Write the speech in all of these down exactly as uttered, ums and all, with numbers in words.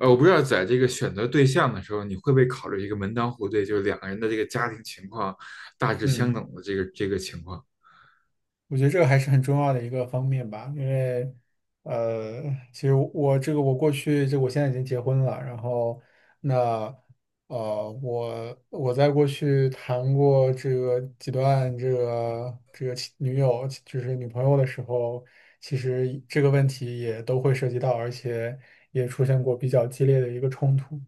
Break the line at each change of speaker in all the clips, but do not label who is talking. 呃，我不知道在这个选择对象的时候，你会不会考虑一个门当户对，就是两个人的这个家庭情况大致相
嗯，
等的这个这个情况？
我觉得这个还是很重要的一个方面吧。因为，呃，其实我这个我过去这我现在已经结婚了。然后那呃我我在过去谈过这个几段这个这个其女友就是女朋友的时候，其实这个问题也都会涉及到，而且也出现过比较激烈的一个冲突，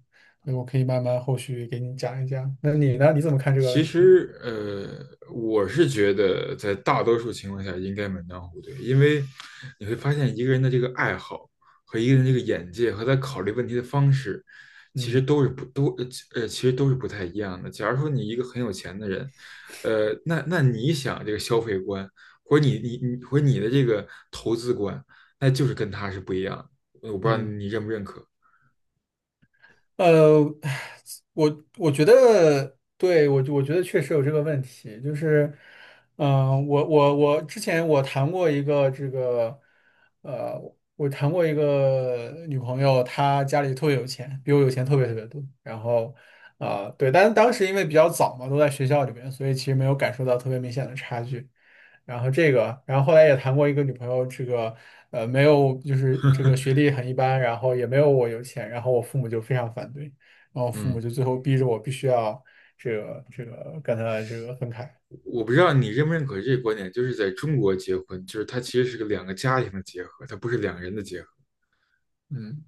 所以我可以慢慢后续给你讲一讲。那你呢？你怎么看这个
其
问题？
实，呃，我是觉得在大多数情况下应该门当户对，因为你会发现一个人的这个爱好和一个人这个眼界和他考虑问题的方式，其实
嗯
都是不都呃呃其实都是不太一样的。假如说你一个很有钱的人，呃，那那你想这个消费观，或者你你你或者你的这个投资观，那就是跟他是不一样的。我不知道
嗯。
你认不认可，
呃，我我觉得，对，我我觉得确实有这个问题，就是，嗯、我我我之前我谈过一个这个，呃，我谈过一个女朋友，她家里特别有钱，比我有钱特别特别多。然后，啊、对，但是当时因为比较早嘛，都在学校里面，所以其实没有感受到特别明显的差距。然后这个，然后后来也谈过一个女朋友，这个呃没有，就是这个学历很一般，然后也没有我有钱，然后我父母就非常反对，然后父
嗯。
母就最后逼着我必须要这个这个跟他这个分开。
我不知道你认不认可这个观点，就是在中国结婚，就是它其实是个两个家庭的结合，它不是两个人的结合。
嗯。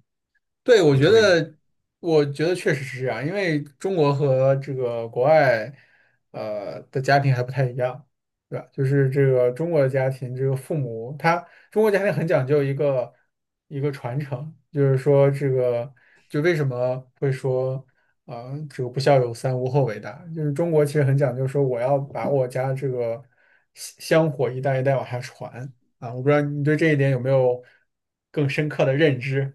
对，我
你
觉
同意这？
得，我觉得确实是这样。因为中国和这个国外，呃的家庭还不太一样，对吧？就是这个中国的家庭，这个父母他中国家庭很讲究一个一个传承。就是说这个就为什么会说，啊，这个不孝有三，无后为大，就是中国其实很讲究说我要把我家这个香香火一代一代往下传啊。我不知道你对这一点有没有更深刻的认知，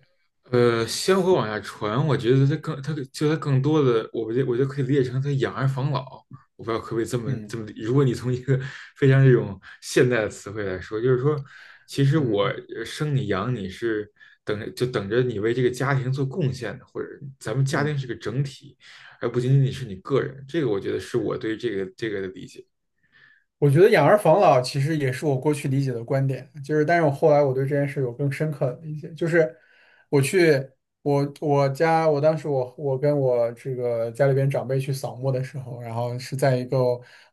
呃，香火往下传，我觉得它更，它就它更多的，我不觉得我觉得可以理解成它养儿防老。我不知道可不可以这么这
嗯。
么，如果你从一个非常这种现代的词汇来说，就是说，其实我
嗯
呃生你养你是等着就等着你为这个家庭做贡献的，或者咱们家庭
嗯，
是个整体，而不仅仅是你个人。这个我觉得是我对这个这个的理解。
我觉得养儿防老其实也是我过去理解的观点。就是但是我后来我对这件事有更深刻的理解，就是我去我我家我当时我我跟我这个家里边长辈去扫墓的时候，然后是在一个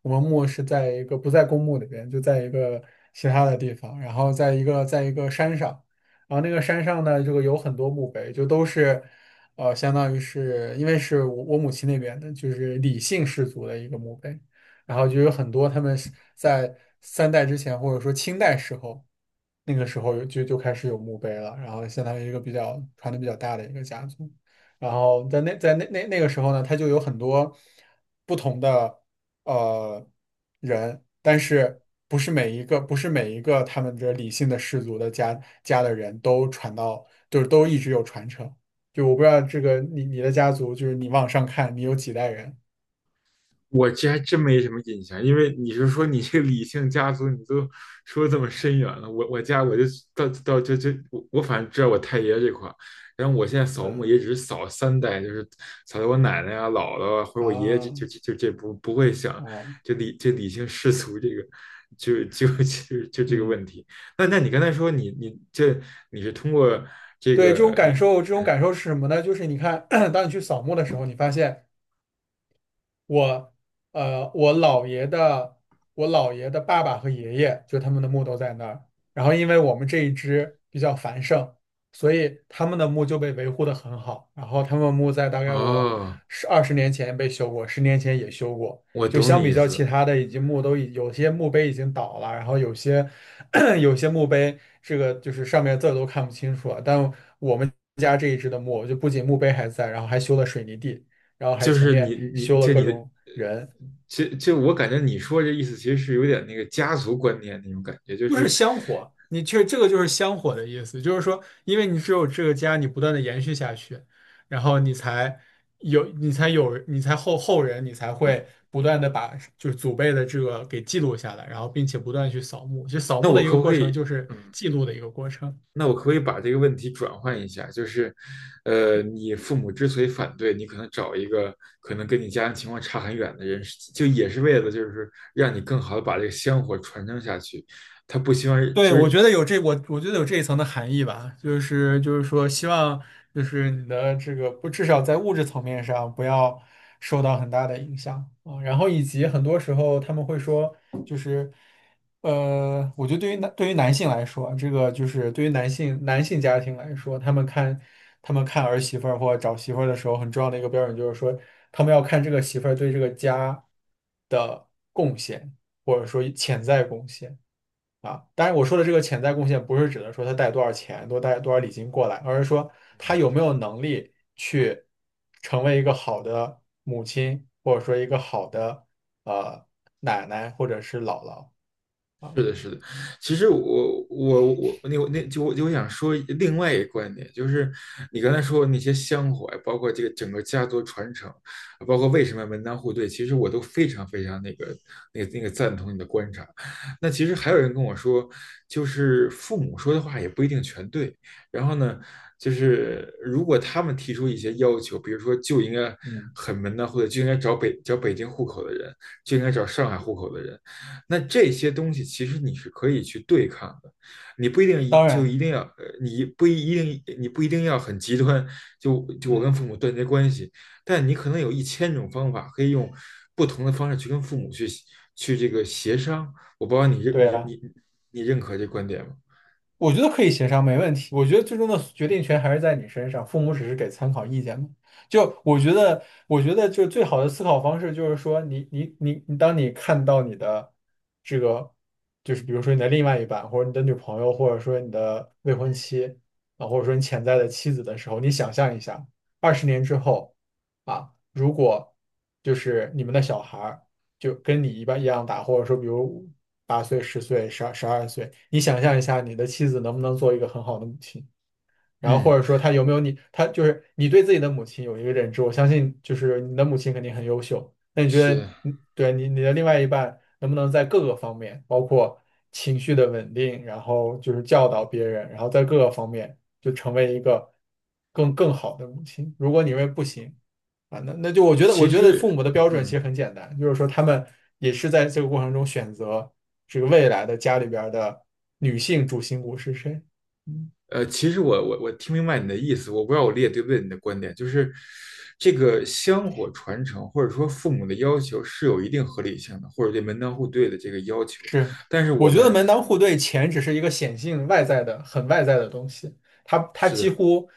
我们墓是在一个不在公墓里边，就在一个其他的地方，然后在一个在一个山上。然后那个山上呢，这个有很多墓碑，就都是。呃，相当于是因为是我我母亲那边的，就是李姓氏族的一个墓碑，然后就有很多他们是在三代之前，或者说清代时候，那个时候有就就开始有墓碑了，然后相当于一个比较传的比较大的一个家族。然后在那在那那那个时候呢，他就有很多不同的呃人，但是不是每一个不是每一个他们这理性的氏族的家家的人都传到，就是都一直有传承。就我不知道这个你你的家族，就是你往上看，你有几代人？
我这还真没什么印象，因为你是说你这个理性家族，你都说这么深远了。我我家我就到到就就我我反正知道我太爷这块儿，然后我现在扫墓
嗯
也只是扫三代，就是扫到我奶奶啊、姥姥啊，或者我爷爷这就
啊
就就这不不会想
啊。
就理这理性世俗这个就就就就这个
嗯，
问题。那那你刚才说你你这你是通过这
对，这种
个
感
你
受，这种感受是什么呢？就是你看，当你去扫墓的时候，你发现。我呃我姥爷的我姥爷的爸爸和爷爷，就他们的墓都在那儿。然后因为我们这一支比较繁盛，所以他们的墓就被维护的很好。然后他们墓在大概我
哦，
十二十年前被修过，十年前也修过。
我
就
懂
相
你
比
意
较其
思。
他的，已经墓都已有些墓碑已经倒了，然后有些 有些墓碑这个就是上面字儿都看不清楚了。但我们家这一支的墓，就不仅墓碑还在，然后还修了水泥地。然后还
就
前
是
面
你你
修了
这
各
你的
种人，
其其就我感觉你说这意思其实是有点那个家族观念那种感觉，就
就是
是
香火。你这这个就是香火的意思。就是说，因为你只有这个家，你不断的延续下去，然后你才有，你才有，你才后后人，你才会不断的把就是祖辈的这个给记录下来，然后并且不断地去扫墓。就扫
那
墓
我
的一
可
个
不可
过程
以，
就是
嗯，
记录的一个过程。
那我可不可以把这个问题转换一下？就是，呃，你父母之所以反对，你可能找一个可能跟你家庭情况差很远的人，就也是为了就是让你更好的把这个香火传承下去。他不希望
对，
就
我
是
觉得有这，我我觉得有这一层的含义吧。就是就是说，希望就是你的这个不，至少在物质层面上不要受到很大的影响啊。然后以及很多时候他们会说，就是呃，我觉得对于男对于男性来说，这个就是对于男性男性家庭来说，他们看他们看儿媳妇儿或找媳妇儿的时候，很重要的一个标准就是说，他们要看这个媳妇儿对这个家的贡献，或者说潜在贡献。啊，当然我说的这个潜在贡献，不是指的说他带多少钱、多带多少礼金过来，而是说他有没有能力去成为一个好的母亲，或者说一个好的呃奶奶或者是姥姥啊。
是的，是的。其实我我我那我那就我就想说另外一个观点，就是你刚才说的那些香火，包括这个整个家族传承，包括为什么门当户对，其实我都非常非常那个那个那个赞同你的观察。那其实还有人跟我说，就是父母说的话也不一定全对。然后呢，就是如果他们提出一些要求，比如说就应该
嗯，
很门当户对，就应该找北找北京户口的人，就应该找上海户口的人。那这些东西其实你是可以去对抗的，你不一定
当
就
然，
一定要，呃你不一定你不一定要很极端，就就我跟
嗯，
父母断绝关系，但你可能有一千种方法可以用不同的方式去跟父母去去这个协商。我不知道你认
对
你
啊。
你你认可这观点吗？
我觉得可以协商，没问题。我觉得最终的决定权还是在你身上，父母只是给参考意见嘛。就我觉得，我觉得就最好的思考方式就是说你，你你你，当你看到你的这个，就是比如说你的另外一半，或者你的女朋友，或者说你的未婚妻啊，或者说你潜在的妻子的时候，你想象一下，二十年之后啊。如果就是你们的小孩儿，就跟你一般一样大，或者说比如八岁、十岁、十二、十二岁，你想象一下，你的妻子能不能做一个很好的母亲？然后
嗯，
或者说他有没有你，他就是你对自己的母亲有一个认知，我相信就是你的母亲肯定很优秀。那你觉得
是的，
你，对你你的另外一半能不能在各个方面，包括情绪的稳定，然后就是教导别人，然后在各个方面就成为一个更更好的母亲？如果你认为不行啊，那那就我觉得，我
其
觉得
实
父母的标准其
嗯。
实很简单。就是说他们也是在这个过程中选择这个未来的家里边儿的女性主心骨是谁。嗯
呃，其实我我我听明白你的意思，我不知道我理解对不对你的观点，就是这个香火传承或者说父母的要求是有一定合理性的，或者对门当户对的这个要求，
是，
但是我
我觉得
们
门当户对，钱只是一个显性外在的、很外在的东西。它它
是
几
的，
乎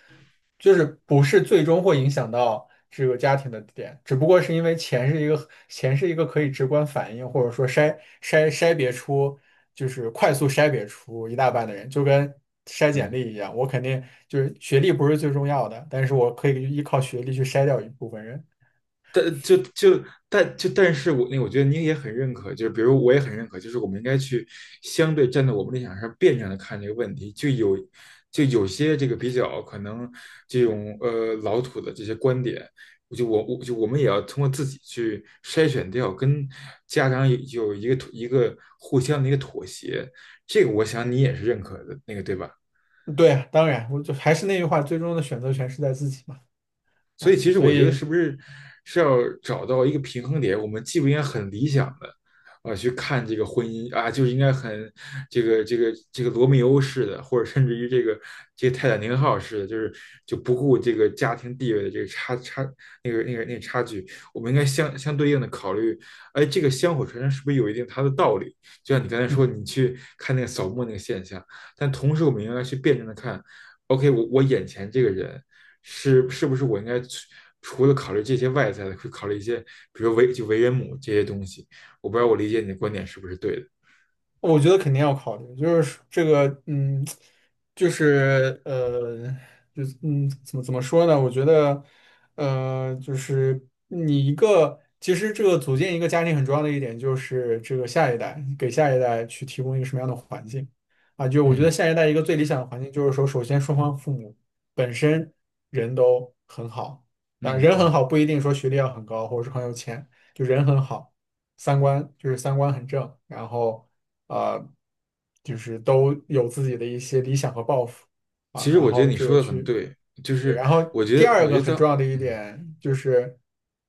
就是不是最终会影响到这个家庭的点，只不过是因为钱是一个钱是一个可以直观反映，或者说筛筛筛别出，就是快速筛别出一大半的人，就跟筛简
嗯。
历一样。我肯定就是学历不是最重要的，但是我可以依靠学历去筛掉一部分人。
但就就但就但是我那我觉得您也很认可，就是比如我也很认可，就是我们应该去相对站在我们立场上辩证的看这个问题，就有就有些这个比较可能这种呃老土的这些观点，我就我我就我们也要通过自己去筛选掉，跟家长有有一个一个互相的一个妥协，这个我想你也是认可的那个对吧？
对啊当然，我就还是那句话，最终的选择权是在自己嘛，
所以
啊，
其实
所
我觉得
以。
是不是是要找到一个平衡点？我们既不应该很理想的啊、呃去看这个婚姻啊，就是应该很这个这个这个罗密欧式的，或者甚至于这个这个泰坦尼克号式的，就是就不顾这个家庭地位的这个差差那个那个那个差距，我们应该相相对应的考虑，哎，这个香火传承是不是有一定它的道理？就像你刚才
嗯。
说，你去看那个扫墓那个现象，但同时我们应该去辩证的看。O K,我我眼前这个人，是是不是我应该除除了考虑这些外在的，会考虑一些，比如为就为人母这些东西？我不知道我理解你的观点是不是对的。
我觉得肯定要考虑，就是这个，嗯，就是呃，就嗯，怎么怎么说呢？我觉得，呃，就是你一个，其实这个组建一个家庭很重要的一点就是这个下一代，给下一代去提供一个什么样的环境啊？就我觉得
嗯
下一代一个最理想的环境就是说，首先双方父母本身人都很好。啊，
嗯
人很
嗯，
好不一定说学历要很高或者是很有钱，就人很好。三观就是三观很正。然后呃，就是都有自己的一些理想和抱负啊，
其实
然
我觉得
后
你
这
说
个
的很
去，
对，就是
然后
我觉
第
得我
二
觉
个
得在
很重要的一
嗯，
点就是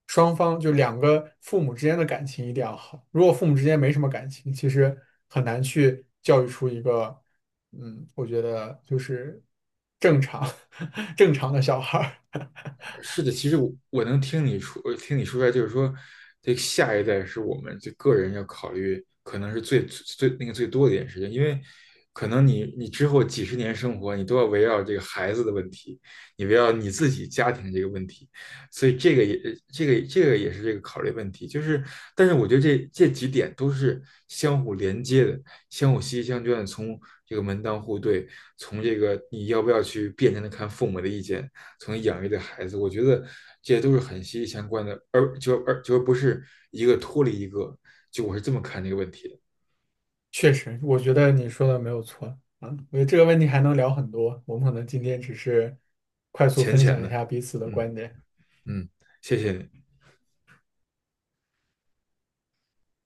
双方就两个父母之间的感情一定要好。如果父母之间没什么感情，其实很难去教育出一个，嗯，我觉得就是正常 正常的小孩儿。
是的，其实我我能听你说，听你说出来，就是说，这个下一代是我们这个人要考虑，可能是最最那个最多的一件事情，因为可能你你之后几十年生活，你都要围绕这个孩子的问题，你围绕你自己家庭这个问题，所以这个也这个这个也是这个考虑问题，就是但是我觉得这这几点都是相互连接的，相互息息相关的，从这个门当户对，从这个你要不要去辩证的看父母的意见。从养育的孩子，我觉得这些都是很息息相关的，而就而就不是一个脱离一个，就我是这么看这个问题的。
确实，我觉得你说的没有错啊。我觉得这个问题还能聊很多，我们可能今天只是快速分享一下彼此的
嗯
观点。
嗯，谢谢你。